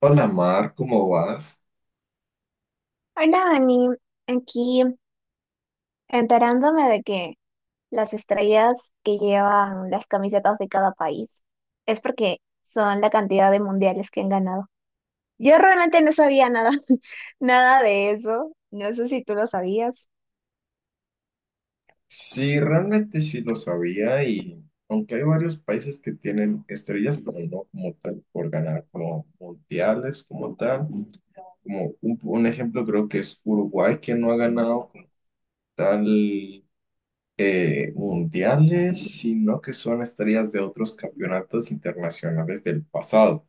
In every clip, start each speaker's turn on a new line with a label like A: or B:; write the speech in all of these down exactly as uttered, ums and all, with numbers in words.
A: Hola Mar, ¿cómo vas?
B: Hola, Dani. Aquí enterándome de que las estrellas que llevan las camisetas de cada país es porque son la cantidad de mundiales que han ganado. Yo realmente no sabía nada, nada de eso. No sé si tú lo sabías.
A: Sí, realmente sí lo sabía y aunque hay varios países que tienen estrellas, pero no como tal por ganar como mundiales, como tal. Como un, un ejemplo creo que es Uruguay que no ha ganado como tal eh, mundiales, sino que son estrellas de otros campeonatos internacionales del pasado.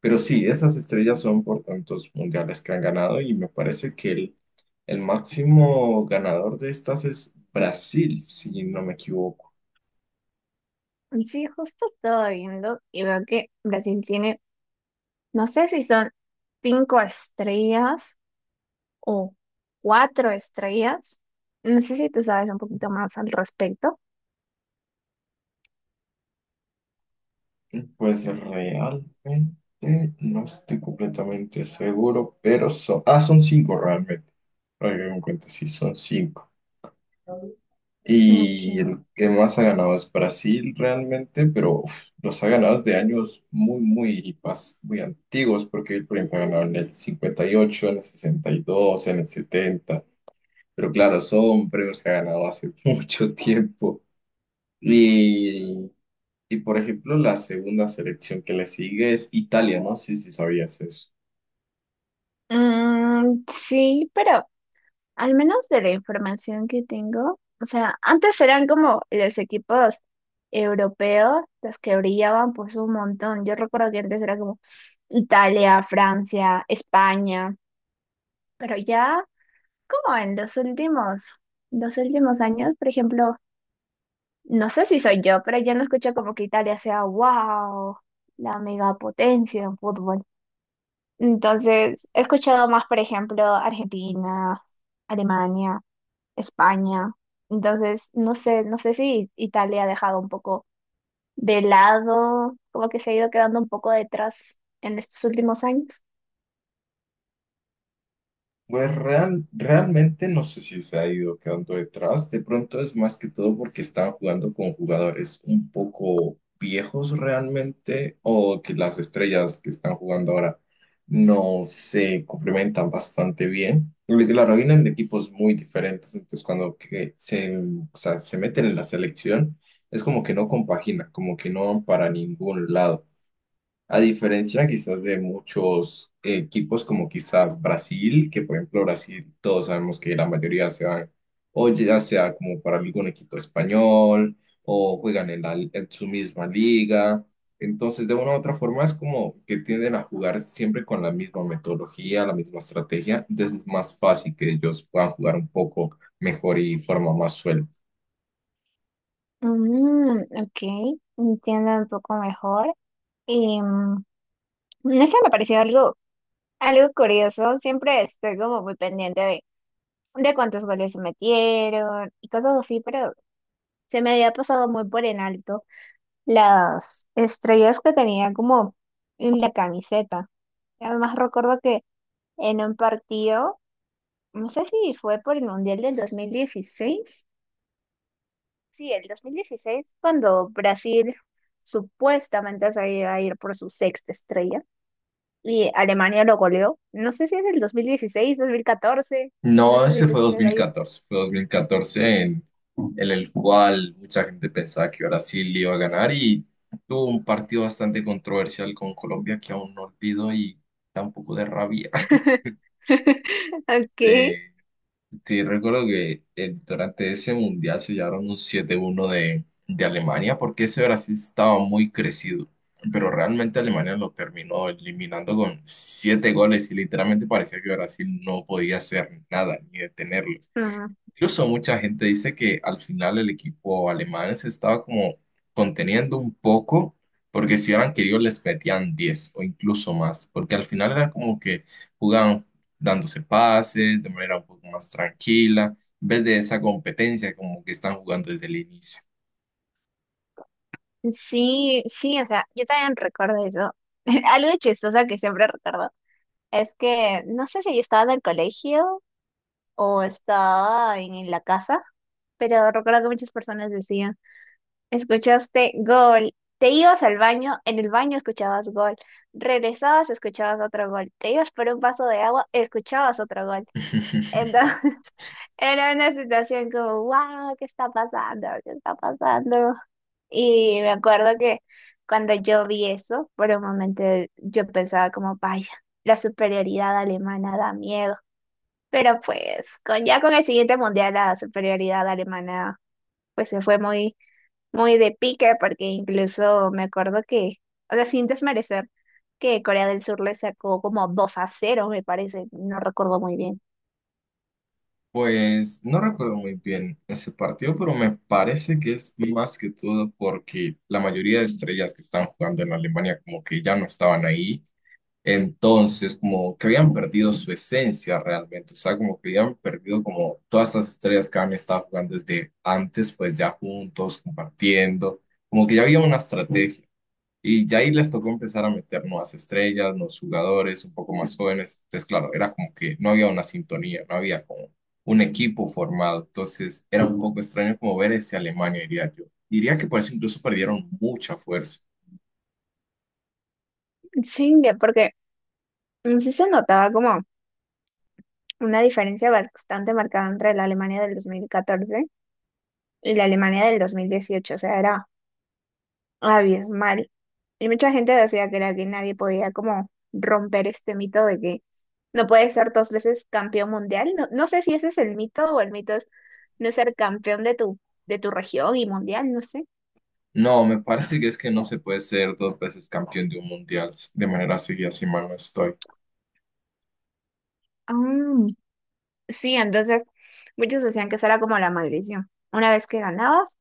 A: Pero sí, esas estrellas son por tantos mundiales que han ganado y me parece que el, el máximo ganador de estas es Brasil, si no me equivoco.
B: Sí, justo estaba viendo y veo que Brasil tiene, no sé si son cinco estrellas o cuatro estrellas. No sé si tú sabes un poquito más al respecto.
A: Pues realmente no estoy completamente seguro, pero son, ah, son cinco realmente. Ahora que me doy cuenta, sí, son cinco. Y
B: Ok.
A: el que más ha ganado es Brasil realmente, pero uf, los ha ganado desde años muy, muy, pas- muy antiguos, porque por ejemplo, ha ganado en el cincuenta y ocho, en el sesenta y dos, en el setenta, pero claro, son premios que ha ganado hace mucho tiempo. Y, y por ejemplo, la segunda selección que le sigue es Italia, ¿no? Sí, sí, sabías eso.
B: Mm, sí, pero al menos de la información que tengo, o sea, antes eran como los equipos europeos los que brillaban pues un montón. Yo recuerdo que antes era como Italia, Francia, España, pero ya como en los últimos, los últimos años, por ejemplo, no sé si soy yo, pero ya no escucho como que Italia sea wow, la megapotencia en fútbol. Entonces, he escuchado más, por ejemplo, Argentina, Alemania, España. Entonces, no sé, no sé si Italia ha dejado un poco de lado, como que se ha ido quedando un poco detrás en estos últimos años.
A: Pues real- realmente no sé si se ha ido quedando detrás. De pronto es más que todo porque estaban jugando con jugadores un poco viejos realmente o que las estrellas que están jugando ahora no se complementan bastante bien. Porque claro, vienen de equipos muy diferentes, entonces cuando que se, o sea, se meten en la selección es como que no compagina, como que no van para ningún lado. A diferencia quizás de muchos equipos como quizás Brasil, que por ejemplo Brasil todos sabemos que la mayoría se van o ya sea como para algún equipo español o juegan en, la- en su misma liga. Entonces de una u otra forma es como que tienden a jugar siempre con la misma metodología, la misma estrategia. Entonces es más fácil que ellos puedan jugar un poco mejor y de forma más suelta.
B: Mm, ok, entiendo un poco mejor. Y mm, eso me pareció algo, algo curioso. Siempre estoy como muy pendiente de, de cuántos goles se metieron y cosas así, pero se me había pasado muy por en alto, las estrellas que tenía como en la camiseta. Además recuerdo que en un partido, no sé si fue por el Mundial del dos mil dieciséis, sí, el dos mil dieciséis cuando Brasil supuestamente se iba a ir por su sexta estrella y Alemania lo goleó. No sé si es el dos dos mil dieciséis dos mil catorce. No
A: No,
B: sé
A: ese
B: si tú
A: fue dos
B: tienes
A: mil
B: ahí.
A: catorce, fue dos mil catorce en, en el cual mucha gente pensaba que Brasil iba a ganar y tuvo un partido bastante controversial con Colombia que aún no olvido y da un poco de rabia.
B: Ok.
A: Eh, te recuerdo que eh, durante ese mundial se llevaron un siete uno de, de Alemania porque ese Brasil estaba muy crecido, pero realmente Alemania lo terminó eliminando con siete goles y literalmente parecía que Brasil no podía hacer nada ni detenerlo.
B: Ah,
A: Incluso mucha gente dice que al final el equipo alemán se estaba como conteniendo un poco, porque si hubieran querido les metían diez o incluso más, porque al final era como que jugaban dándose pases de manera un poco más tranquila, en vez de esa competencia como que están jugando desde el inicio.
B: sí, sí, o sea, yo también recuerdo eso. Algo chistoso que siempre recuerdo es que no sé si yo estaba en el colegio o estaba en la casa, pero recuerdo que muchas personas decían, escuchaste gol, te ibas al baño, en el baño escuchabas gol, regresabas, escuchabas otro gol, te ibas por un vaso de agua, escuchabas otro gol. Entonces era una situación como, wow, ¿qué está pasando? ¿Qué está pasando? Y me acuerdo que cuando yo vi eso, por un momento yo pensaba como, vaya, la superioridad alemana da miedo. Pero pues con, ya con el siguiente mundial la superioridad alemana pues se fue muy, muy de pique porque incluso me acuerdo que, o sea, sin desmerecer, que Corea del Sur le sacó como dos a cero me parece, no recuerdo muy bien.
A: Pues no recuerdo muy bien ese partido, pero me parece que es más que todo porque la mayoría de estrellas que están jugando en Alemania como que ya no estaban ahí. Entonces, como que habían perdido su esencia realmente, o sea, como que habían perdido como todas estas estrellas que habían estado jugando desde antes, pues ya juntos, compartiendo, como que ya había una estrategia. Y ya ahí les tocó empezar a meter nuevas estrellas, nuevos jugadores, un poco más jóvenes. Entonces, claro, era como que no había una sintonía, no había como un equipo formado. Entonces, era un poco extraño como ver ese Alemania, diría yo. Diría que por eso incluso perdieron mucha fuerza.
B: Sí, que porque mm, sí se notaba como una diferencia bastante marcada entre la Alemania del dos mil catorce y la Alemania del dos mil dieciocho, o sea, era abismal. Y mucha gente decía que era que nadie podía como romper este mito de que no puedes ser dos veces campeón mundial. No, no sé si ese es el mito o el mito es no ser campeón de tu, de tu, región y mundial, no sé.
A: No, me parece que es que no se puede ser dos veces campeón de un mundial de manera seguida, si mal no estoy.
B: Ah, sí, entonces muchos decían que esa era como la maldición. Una vez que ganabas,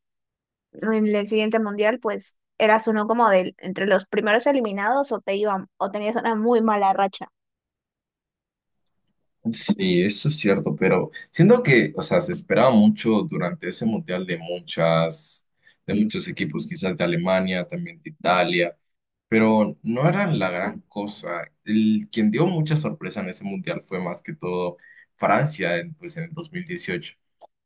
B: en el siguiente mundial, pues eras uno como de entre los primeros eliminados o te iban, o tenías una muy mala racha.
A: Sí, eso es cierto, pero siento que, o sea, se esperaba mucho durante ese mundial de muchas, de muchos equipos, quizás de Alemania, también de Italia, pero no eran la gran cosa. El, quien dio mucha sorpresa en ese mundial fue más que todo Francia, en, pues en el dos mil dieciocho.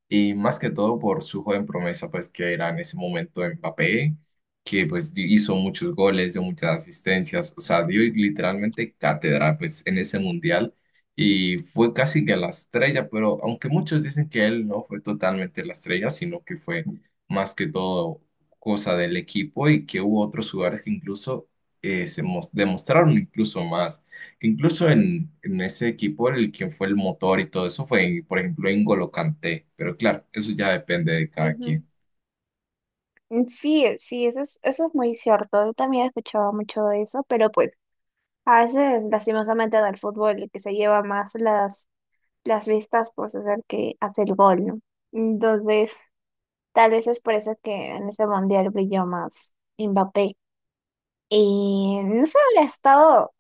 A: Y más que todo por su joven promesa, pues que era en ese momento Mbappé, que pues di- hizo muchos goles, dio muchas asistencias, o sea, dio literalmente cátedra pues en ese mundial y fue casi que la estrella, pero aunque muchos dicen que él no fue totalmente la estrella, sino que fue más que todo cosa del equipo y que hubo otros jugadores que incluso eh, se mos- demostraron incluso más que incluso en, en, ese equipo el quien fue el motor y todo eso fue, por ejemplo, N'Golo Kanté, pero claro, eso ya depende de cada quien.
B: Ujú. Sí, sí, eso es, eso es muy cierto. Yo también he escuchado mucho de eso, pero pues a veces, lastimosamente, del fútbol el que se lleva más las, las vistas, pues es el que hace el gol, ¿no? Entonces, tal vez es por eso que en ese mundial brilló más Mbappé. Y no sé, lo he estado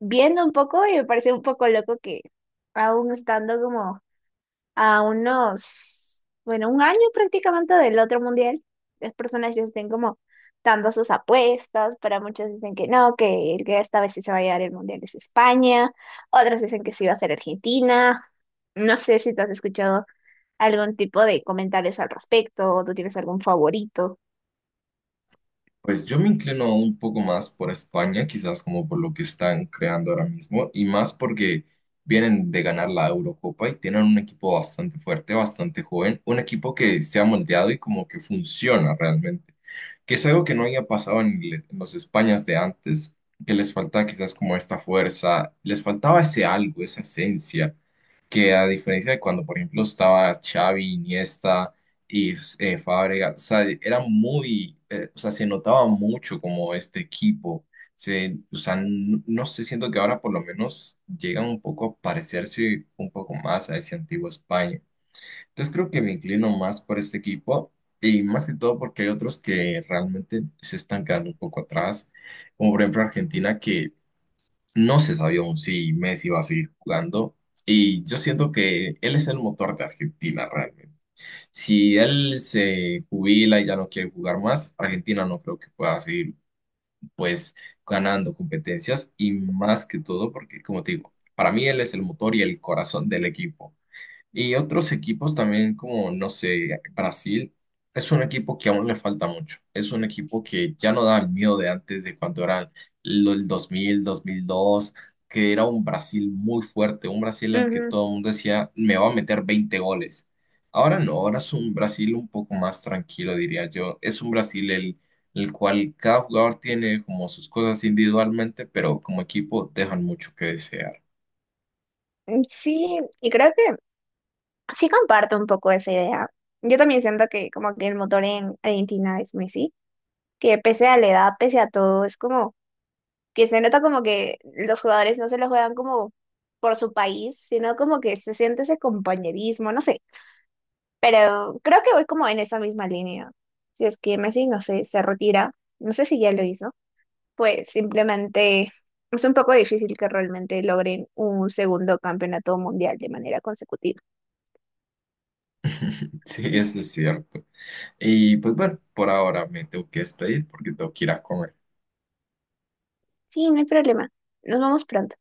B: viendo un poco y me parece un poco loco que aún estando como a unos, bueno, un año prácticamente del otro mundial, las personas ya estén como dando sus apuestas, para muchos dicen que no, que el que esta vez sí se va a llevar el mundial es España, otros dicen que sí va a ser Argentina, no sé si te has escuchado algún tipo de comentarios al respecto, o tú tienes algún favorito.
A: Pues yo me inclino un poco más por España, quizás como por lo que están creando ahora mismo, y más porque vienen de ganar la Eurocopa y tienen un equipo bastante fuerte, bastante joven, un equipo que se ha moldeado y como que funciona realmente, que es algo que no había pasado en, le- en los Españas de antes, que les faltaba quizás como esta fuerza, les faltaba ese algo, esa esencia que a diferencia de cuando, por ejemplo, estaba Xavi, Iniesta y eh, Fábregas, o sea, era muy, eh, o sea, se notaba mucho como este equipo, se, o sea, n- no sé, siento que ahora por lo menos llegan un poco a parecerse un poco más a ese antiguo España. Entonces creo que me inclino más por este equipo y más que todo porque hay otros que realmente se están quedando un poco atrás, como por ejemplo Argentina, que no se sabía aún si Messi iba a seguir jugando y yo siento que él es el motor de Argentina realmente. Si él se jubila y ya no quiere jugar más, Argentina no creo que pueda seguir pues ganando competencias y más que todo porque como te digo, para mí él es el motor y el corazón del equipo. Y otros equipos también, como, no sé, Brasil, es un equipo que aún le falta mucho. Es un equipo que ya no da el miedo de antes, de cuando eran lo- el dos mil dos mil dos, que era un Brasil muy fuerte, un Brasil al que
B: Ujú.
A: todo el mundo decía, me va a meter veinte goles. Ahora no, ahora es un Brasil un poco más tranquilo, diría yo. Es un Brasil el, el cual cada jugador tiene como sus cosas individualmente, pero como equipo dejan mucho que desear.
B: Mm, sí, y creo que sí comparto un poco esa idea. Yo también siento que como que el motor en Argentina es Messi, que pese a la edad, pese a todo, es como que se nota como que los jugadores no se lo juegan como por su país, sino como que se siente ese compañerismo, no sé. Pero creo que voy como en esa misma línea. Si es que Messi, no sé, se retira, no sé si ya lo hizo, pues simplemente es un poco difícil que realmente logren un segundo campeonato mundial de manera consecutiva.
A: Sí, eso es cierto. Y pues bueno, por ahora me tengo que despedir porque tengo que ir a comer.
B: Sí, no hay problema. Nos vamos pronto.